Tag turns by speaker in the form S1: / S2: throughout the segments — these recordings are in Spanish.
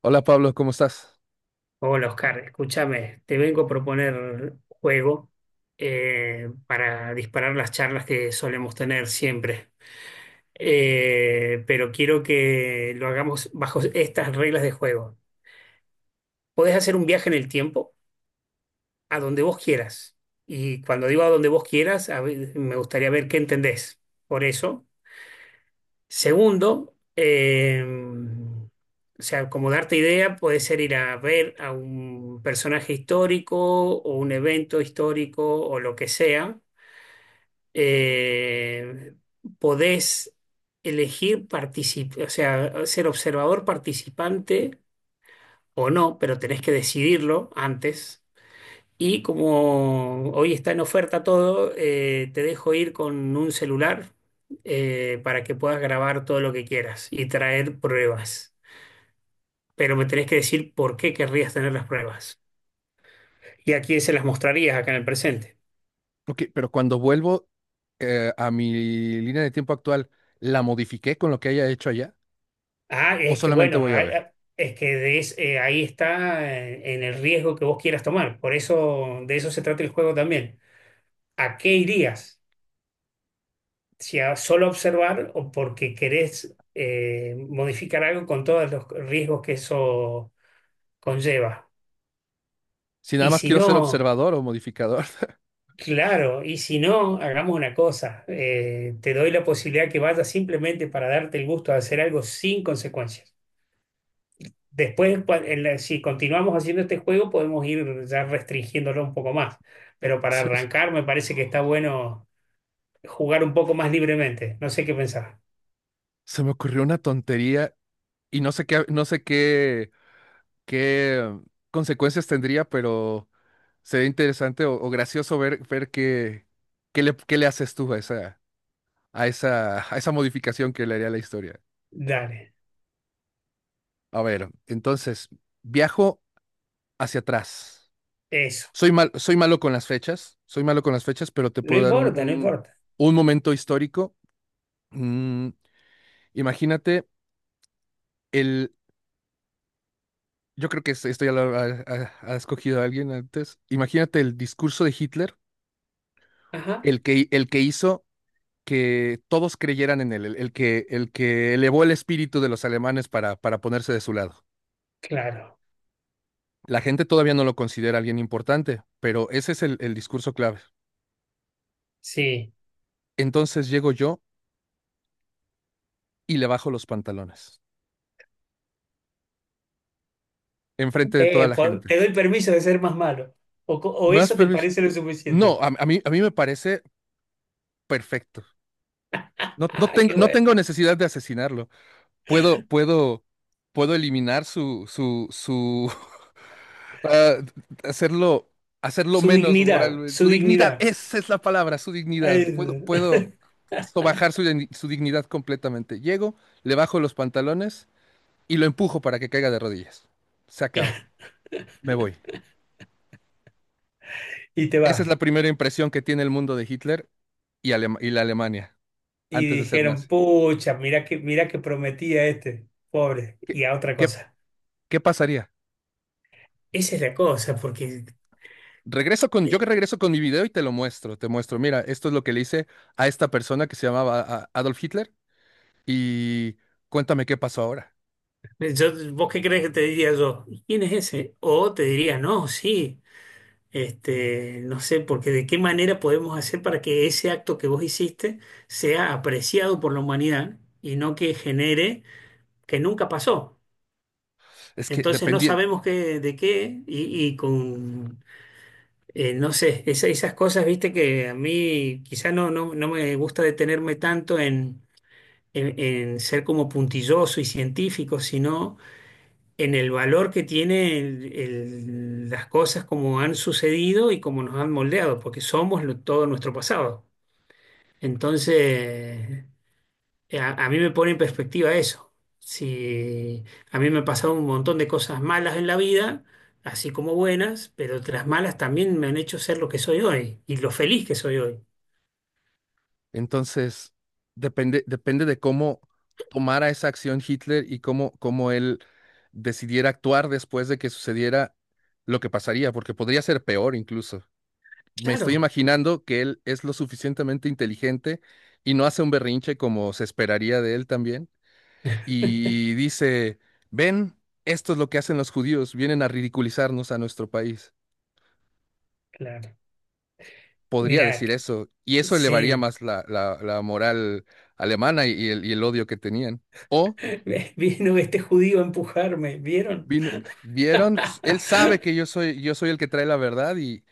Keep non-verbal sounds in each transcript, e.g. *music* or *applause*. S1: Hola Pablo, ¿cómo estás?
S2: Hola Oscar, escúchame, te vengo a proponer un juego para disparar las charlas que solemos tener siempre. Pero quiero que lo hagamos bajo estas reglas de juego. Podés hacer un viaje en el tiempo a donde vos quieras, y cuando digo a donde vos quieras, a ver, me gustaría ver qué entendés por eso. Segundo, o sea, como darte idea, puede ser ir a ver a un personaje histórico o un evento histórico o lo que sea. Eh, Podés elegir participar, o sea, ser observador participante o no, pero tenés que decidirlo antes. Y como hoy está en oferta todo, te dejo ir con un celular para que puedas grabar todo lo que quieras y traer pruebas. Pero me tenés que decir por qué querrías tener las pruebas y a quién se las mostrarías acá en el presente.
S1: Ok, pero cuando vuelvo a mi línea de tiempo actual, ¿la modifiqué con lo que haya hecho allá?
S2: Ah,
S1: ¿O
S2: es que
S1: solamente
S2: bueno,
S1: voy
S2: ah,
S1: a ver?
S2: ah, es que de es- ahí está, en el riesgo que vos quieras tomar. Por eso, de eso se trata el juego también. ¿A qué irías? ¿Si a solo observar o porque querés modificar algo con todos los riesgos que eso conlleva?
S1: Si nada
S2: Y
S1: más
S2: si
S1: quiero ser
S2: no,
S1: observador o modificador, *laughs*
S2: claro, y si no, hagamos una cosa. Te doy la posibilidad que vayas simplemente para darte el gusto de hacer algo sin consecuencias. Después, si continuamos haciendo este juego, podemos ir ya restringiéndolo un poco más. Pero para
S1: se,
S2: arrancar, me parece que está bueno jugar un poco más libremente. No sé qué pensar.
S1: se me ocurrió una tontería y no sé qué consecuencias tendría, pero sería interesante o gracioso ver qué le haces tú a esa modificación que le haría a la historia.
S2: Dale,
S1: A ver, entonces, viajo hacia atrás.
S2: eso.
S1: Soy malo con las fechas, pero te
S2: No
S1: puedo dar un,
S2: importa, no
S1: un,
S2: importa.
S1: un momento histórico. Mm, Imagínate el, yo creo que esto ya lo ha escogido alguien antes. Imagínate el discurso de Hitler,
S2: Ajá,
S1: el que hizo que todos creyeran en él, el que elevó el espíritu de los alemanes para ponerse de su lado.
S2: claro,
S1: La gente todavía no lo considera alguien importante, pero ese es el discurso clave.
S2: sí.
S1: Entonces llego yo y le bajo los pantalones, enfrente de toda la gente.
S2: Te doy permiso de ser más malo. O, o
S1: Más
S2: eso te
S1: permiso.
S2: parece lo
S1: No,
S2: suficiente.
S1: a mí me parece perfecto. No, no
S2: Ah,
S1: tengo,
S2: qué
S1: no
S2: bueno.
S1: tengo necesidad de asesinarlo. Puedo, puedo, puedo eliminar *laughs* ah, hacerlo, hacerlo
S2: Su
S1: menos
S2: dignidad,
S1: moral, su
S2: su
S1: dignidad.
S2: dignidad.
S1: Esa es la palabra, su dignidad. Puedo,
S2: Eh,
S1: puedo sobajar su dignidad completamente. Llego, le bajo los pantalones y lo empujo para que caiga de rodillas. Se
S2: *laughs* claro.
S1: acaba. Me voy.
S2: Y te
S1: Esa es la
S2: vas.
S1: primera impresión que tiene el mundo de Hitler y la Alemania
S2: Y
S1: antes de ser
S2: dijeron,
S1: nazi.
S2: pucha, mirá que, prometía este, pobre.
S1: ¿Qué,
S2: Y a otra
S1: qué,
S2: cosa.
S1: qué pasaría?
S2: Esa es la cosa, porque
S1: Yo que regreso con mi video y te lo muestro, te muestro. Mira, esto es lo que le hice a esta persona que se llamaba Adolf Hitler y cuéntame qué pasó ahora.
S2: vos qué crees que te diría yo? ¿Quién es ese? O te diría, no, sí. Este, no sé, porque de qué manera podemos hacer para que ese acto que vos hiciste sea apreciado por la humanidad y no que genere que nunca pasó.
S1: Es que
S2: Entonces no
S1: dependía,
S2: sabemos qué, de qué no sé, esas cosas, viste, que a mí quizá no me gusta detenerme tanto en, en ser como puntilloso y científico, sino en el valor que tiene las cosas como han sucedido y como nos han moldeado, porque somos todo nuestro pasado. Entonces, a mí me pone en perspectiva eso. Si a mí me han pasado un montón de cosas malas en la vida, así como buenas, pero las malas también me han hecho ser lo que soy hoy y lo feliz que soy hoy.
S1: entonces, depende de cómo tomara esa acción Hitler y cómo él decidiera actuar después de que sucediera lo que pasaría, porque podría ser peor incluso. Me estoy
S2: Claro,
S1: imaginando que él es lo suficientemente inteligente y no hace un berrinche como se esperaría de él también y dice, ven, esto es lo que hacen los judíos, vienen a ridiculizarnos a nuestro país.
S2: claro.
S1: Podría
S2: Mirá,
S1: decir eso, y eso elevaría
S2: sí,
S1: más la moral alemana y y el odio que tenían. O
S2: *laughs* vino este judío a empujarme, ¿vieron?
S1: vino- vieron, pues, él sabe que yo soy el que trae la verdad y,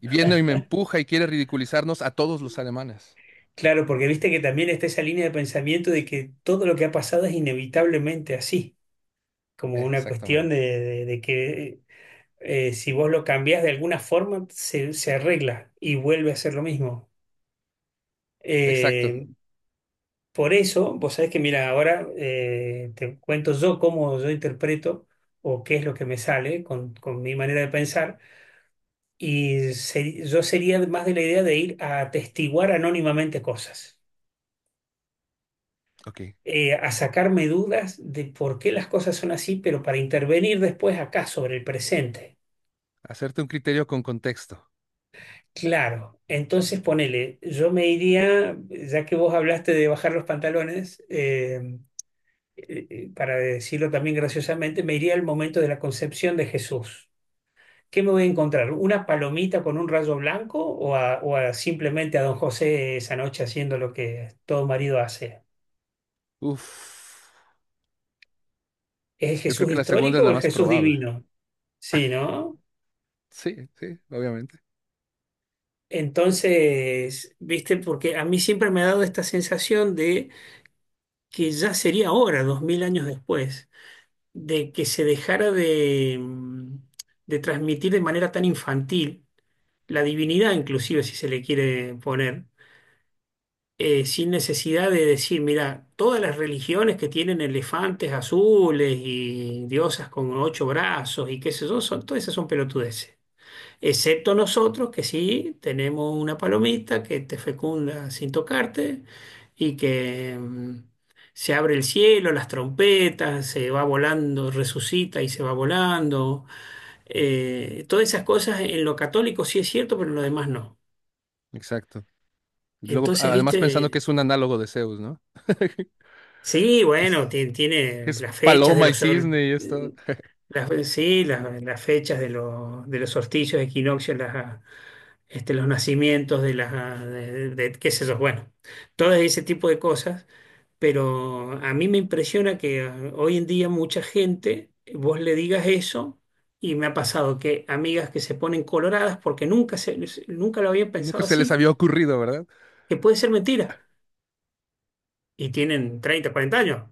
S1: y viene y me empuja y quiere ridiculizarnos a todos los alemanes.
S2: Claro, porque viste que también está esa línea de pensamiento de que todo lo que ha pasado es inevitablemente así, como una cuestión
S1: Exactamente.
S2: de, de que si vos lo cambiás de alguna forma, se arregla y vuelve a ser lo mismo.
S1: Exacto.
S2: Eh, por eso, vos sabés que, mira, ahora te cuento yo cómo yo interpreto o qué es lo que me sale con, mi manera de pensar, y yo sería más de la idea de ir a atestiguar anónimamente cosas.
S1: Ok.
S2: A sacarme dudas de por qué las cosas son así, pero para intervenir después acá sobre el presente.
S1: Hacerte un criterio con contexto.
S2: Claro, entonces ponele, yo me iría, ya que vos hablaste de bajar los pantalones, para decirlo también graciosamente, me iría al momento de la concepción de Jesús. ¿Qué me voy a encontrar? ¿Una palomita con un rayo blanco o o a simplemente a don José esa noche haciendo lo que todo marido hace?
S1: Uf.
S2: ¿Es el
S1: Yo creo
S2: Jesús
S1: que la segunda es
S2: histórico o
S1: la
S2: el
S1: más
S2: Jesús
S1: probable.
S2: divino? Sí, ¿no?
S1: Sí, sí, obviamente.
S2: Entonces, viste, porque a mí siempre me ha dado esta sensación de que ya sería hora, 2000 años después, de que se dejara de, de transmitir de manera tan infantil la divinidad, inclusive si se le quiere poner, sin necesidad de decir, mira, todas las religiones que tienen elefantes azules y diosas con ocho brazos y qué sé yo, todas esas son pelotudeces. Excepto nosotros que sí tenemos una palomita que te fecunda sin tocarte y que se abre el cielo, las trompetas, se va volando, resucita y se va volando. Todas esas cosas en lo católico sí es cierto, pero en lo demás no.
S1: Exacto. Y luego,
S2: Entonces,
S1: además pensando que
S2: viste,
S1: es un análogo de Zeus, ¿no? *laughs*
S2: sí,
S1: Que
S2: bueno,
S1: es, que es
S2: las fechas de
S1: paloma y cisne y esto.
S2: las, sí, las fechas de los solsticios, equinoccios, las, este, los nacimientos de las, de, qué sé yo, bueno, todo ese tipo de cosas, pero a mí me impresiona que hoy en día mucha gente, vos le digas eso, y me ha pasado que amigas que se ponen coloradas porque nunca lo habían
S1: Nunca
S2: pensado
S1: se les
S2: así,
S1: había ocurrido, ¿verdad?
S2: que puede ser mentira, y tienen 30 40 años,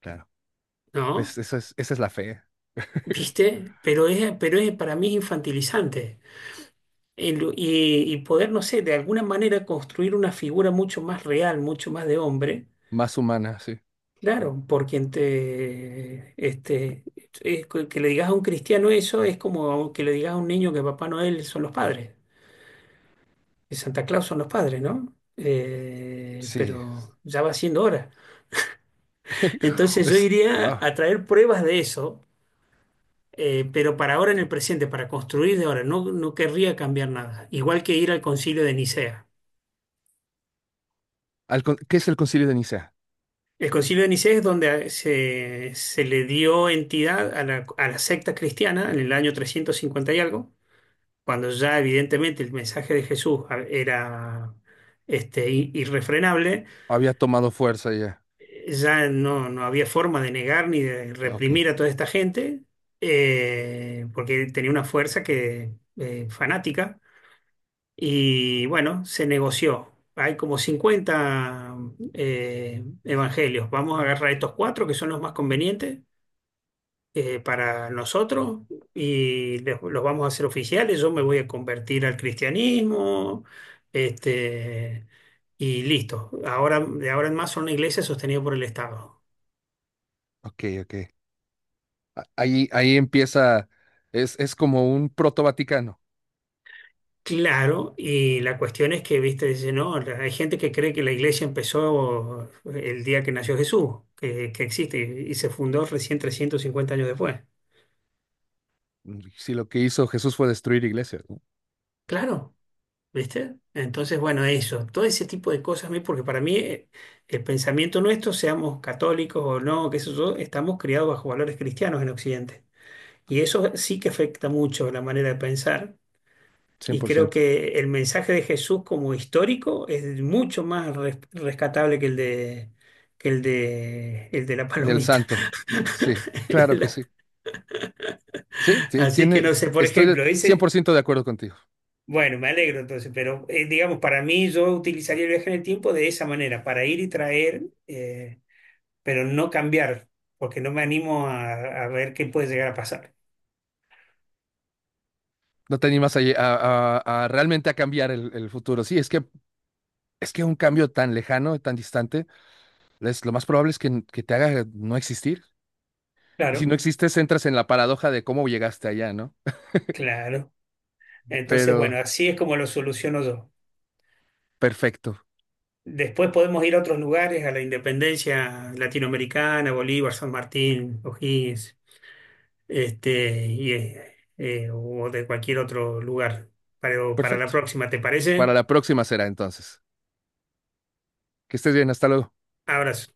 S1: Claro. Pues
S2: ¿no?
S1: esa es la fe
S2: ¿Viste? Pero es, para mí es infantilizante. Y, poder, no sé, de alguna manera construir una figura mucho más real, mucho más de hombre.
S1: más humana, sí.
S2: Claro, por quien te, este, es que le digas a un cristiano eso es como que le digas a un niño que Papá Noel son los padres, que Santa Claus son los padres, ¿no?
S1: Sí.
S2: Pero ya va siendo hora.
S1: *laughs*
S2: Entonces yo iría
S1: Wow.
S2: a traer pruebas de eso, pero para ahora en el presente, para construir de ahora, no querría cambiar nada. Igual que ir al Concilio de Nicea.
S1: ¿Qué es el Concilio de Nicea?
S2: El Concilio de Nicea es donde se le dio entidad a la secta cristiana en el año 350 y algo cuando ya evidentemente el mensaje de Jesús era este, irrefrenable,
S1: Había tomado fuerza ya.
S2: ya no había forma de negar ni de
S1: Ah, Ok,
S2: reprimir a toda esta gente, porque tenía una fuerza que, fanática, y bueno, se negoció. Hay como 50 evangelios. Vamos a agarrar estos cuatro que son los más convenientes para nosotros y los vamos a hacer oficiales. Yo me voy a convertir al cristianismo, este, y listo. Ahora, de ahora en más son una iglesia sostenida por el Estado.
S1: ok, ok. Ahí empieza, es como un proto-Vaticano.
S2: Claro, y la cuestión es que, viste, dice, no, hay gente que cree que la iglesia empezó el día que nació Jesús, que existe y, se fundó recién 350 años después.
S1: Si lo que hizo Jesús fue destruir iglesias, ¿no?
S2: Claro, ¿viste? Entonces, bueno, eso, todo ese tipo de cosas a mí, porque para mí el pensamiento nuestro, seamos católicos o no, que eso yo, estamos criados bajo valores cristianos en Occidente. Y eso sí que afecta mucho la manera de pensar.
S1: cien
S2: Y
S1: por
S2: creo
S1: ciento
S2: que el mensaje de Jesús como histórico es mucho más rescatable que el de, el de la
S1: Del
S2: palomita.
S1: santo. Sí,
S2: *laughs*
S1: claro que
S2: La-
S1: sí. Sí, sí,
S2: Así que
S1: tiene,
S2: no sé, por
S1: estoy de
S2: ejemplo,
S1: cien por
S2: ese.
S1: ciento de acuerdo contigo.
S2: Bueno, me alegro entonces, pero digamos, para mí yo utilizaría el viaje en el tiempo de esa manera, para ir y traer, pero no cambiar, porque no me animo a ver qué puede llegar a pasar.
S1: No te animas a, a realmente a cambiar el futuro. Sí, es que un cambio tan lejano, tan distante, lo más probable es que te haga no existir. Y si
S2: Claro,
S1: no existes, entras en la paradoja de cómo llegaste allá, ¿no?
S2: claro. Entonces, bueno,
S1: Pero
S2: así es como lo soluciono yo.
S1: perfecto,
S2: Después podemos ir a otros lugares, a la Independencia Latinoamericana, Bolívar, San Martín, O'Higgins, este, y, o de cualquier otro lugar. Pero para la
S1: perfecto.
S2: próxima, ¿te
S1: Para
S2: parece?
S1: la próxima será entonces. Que estés bien, hasta luego.
S2: Abrazo.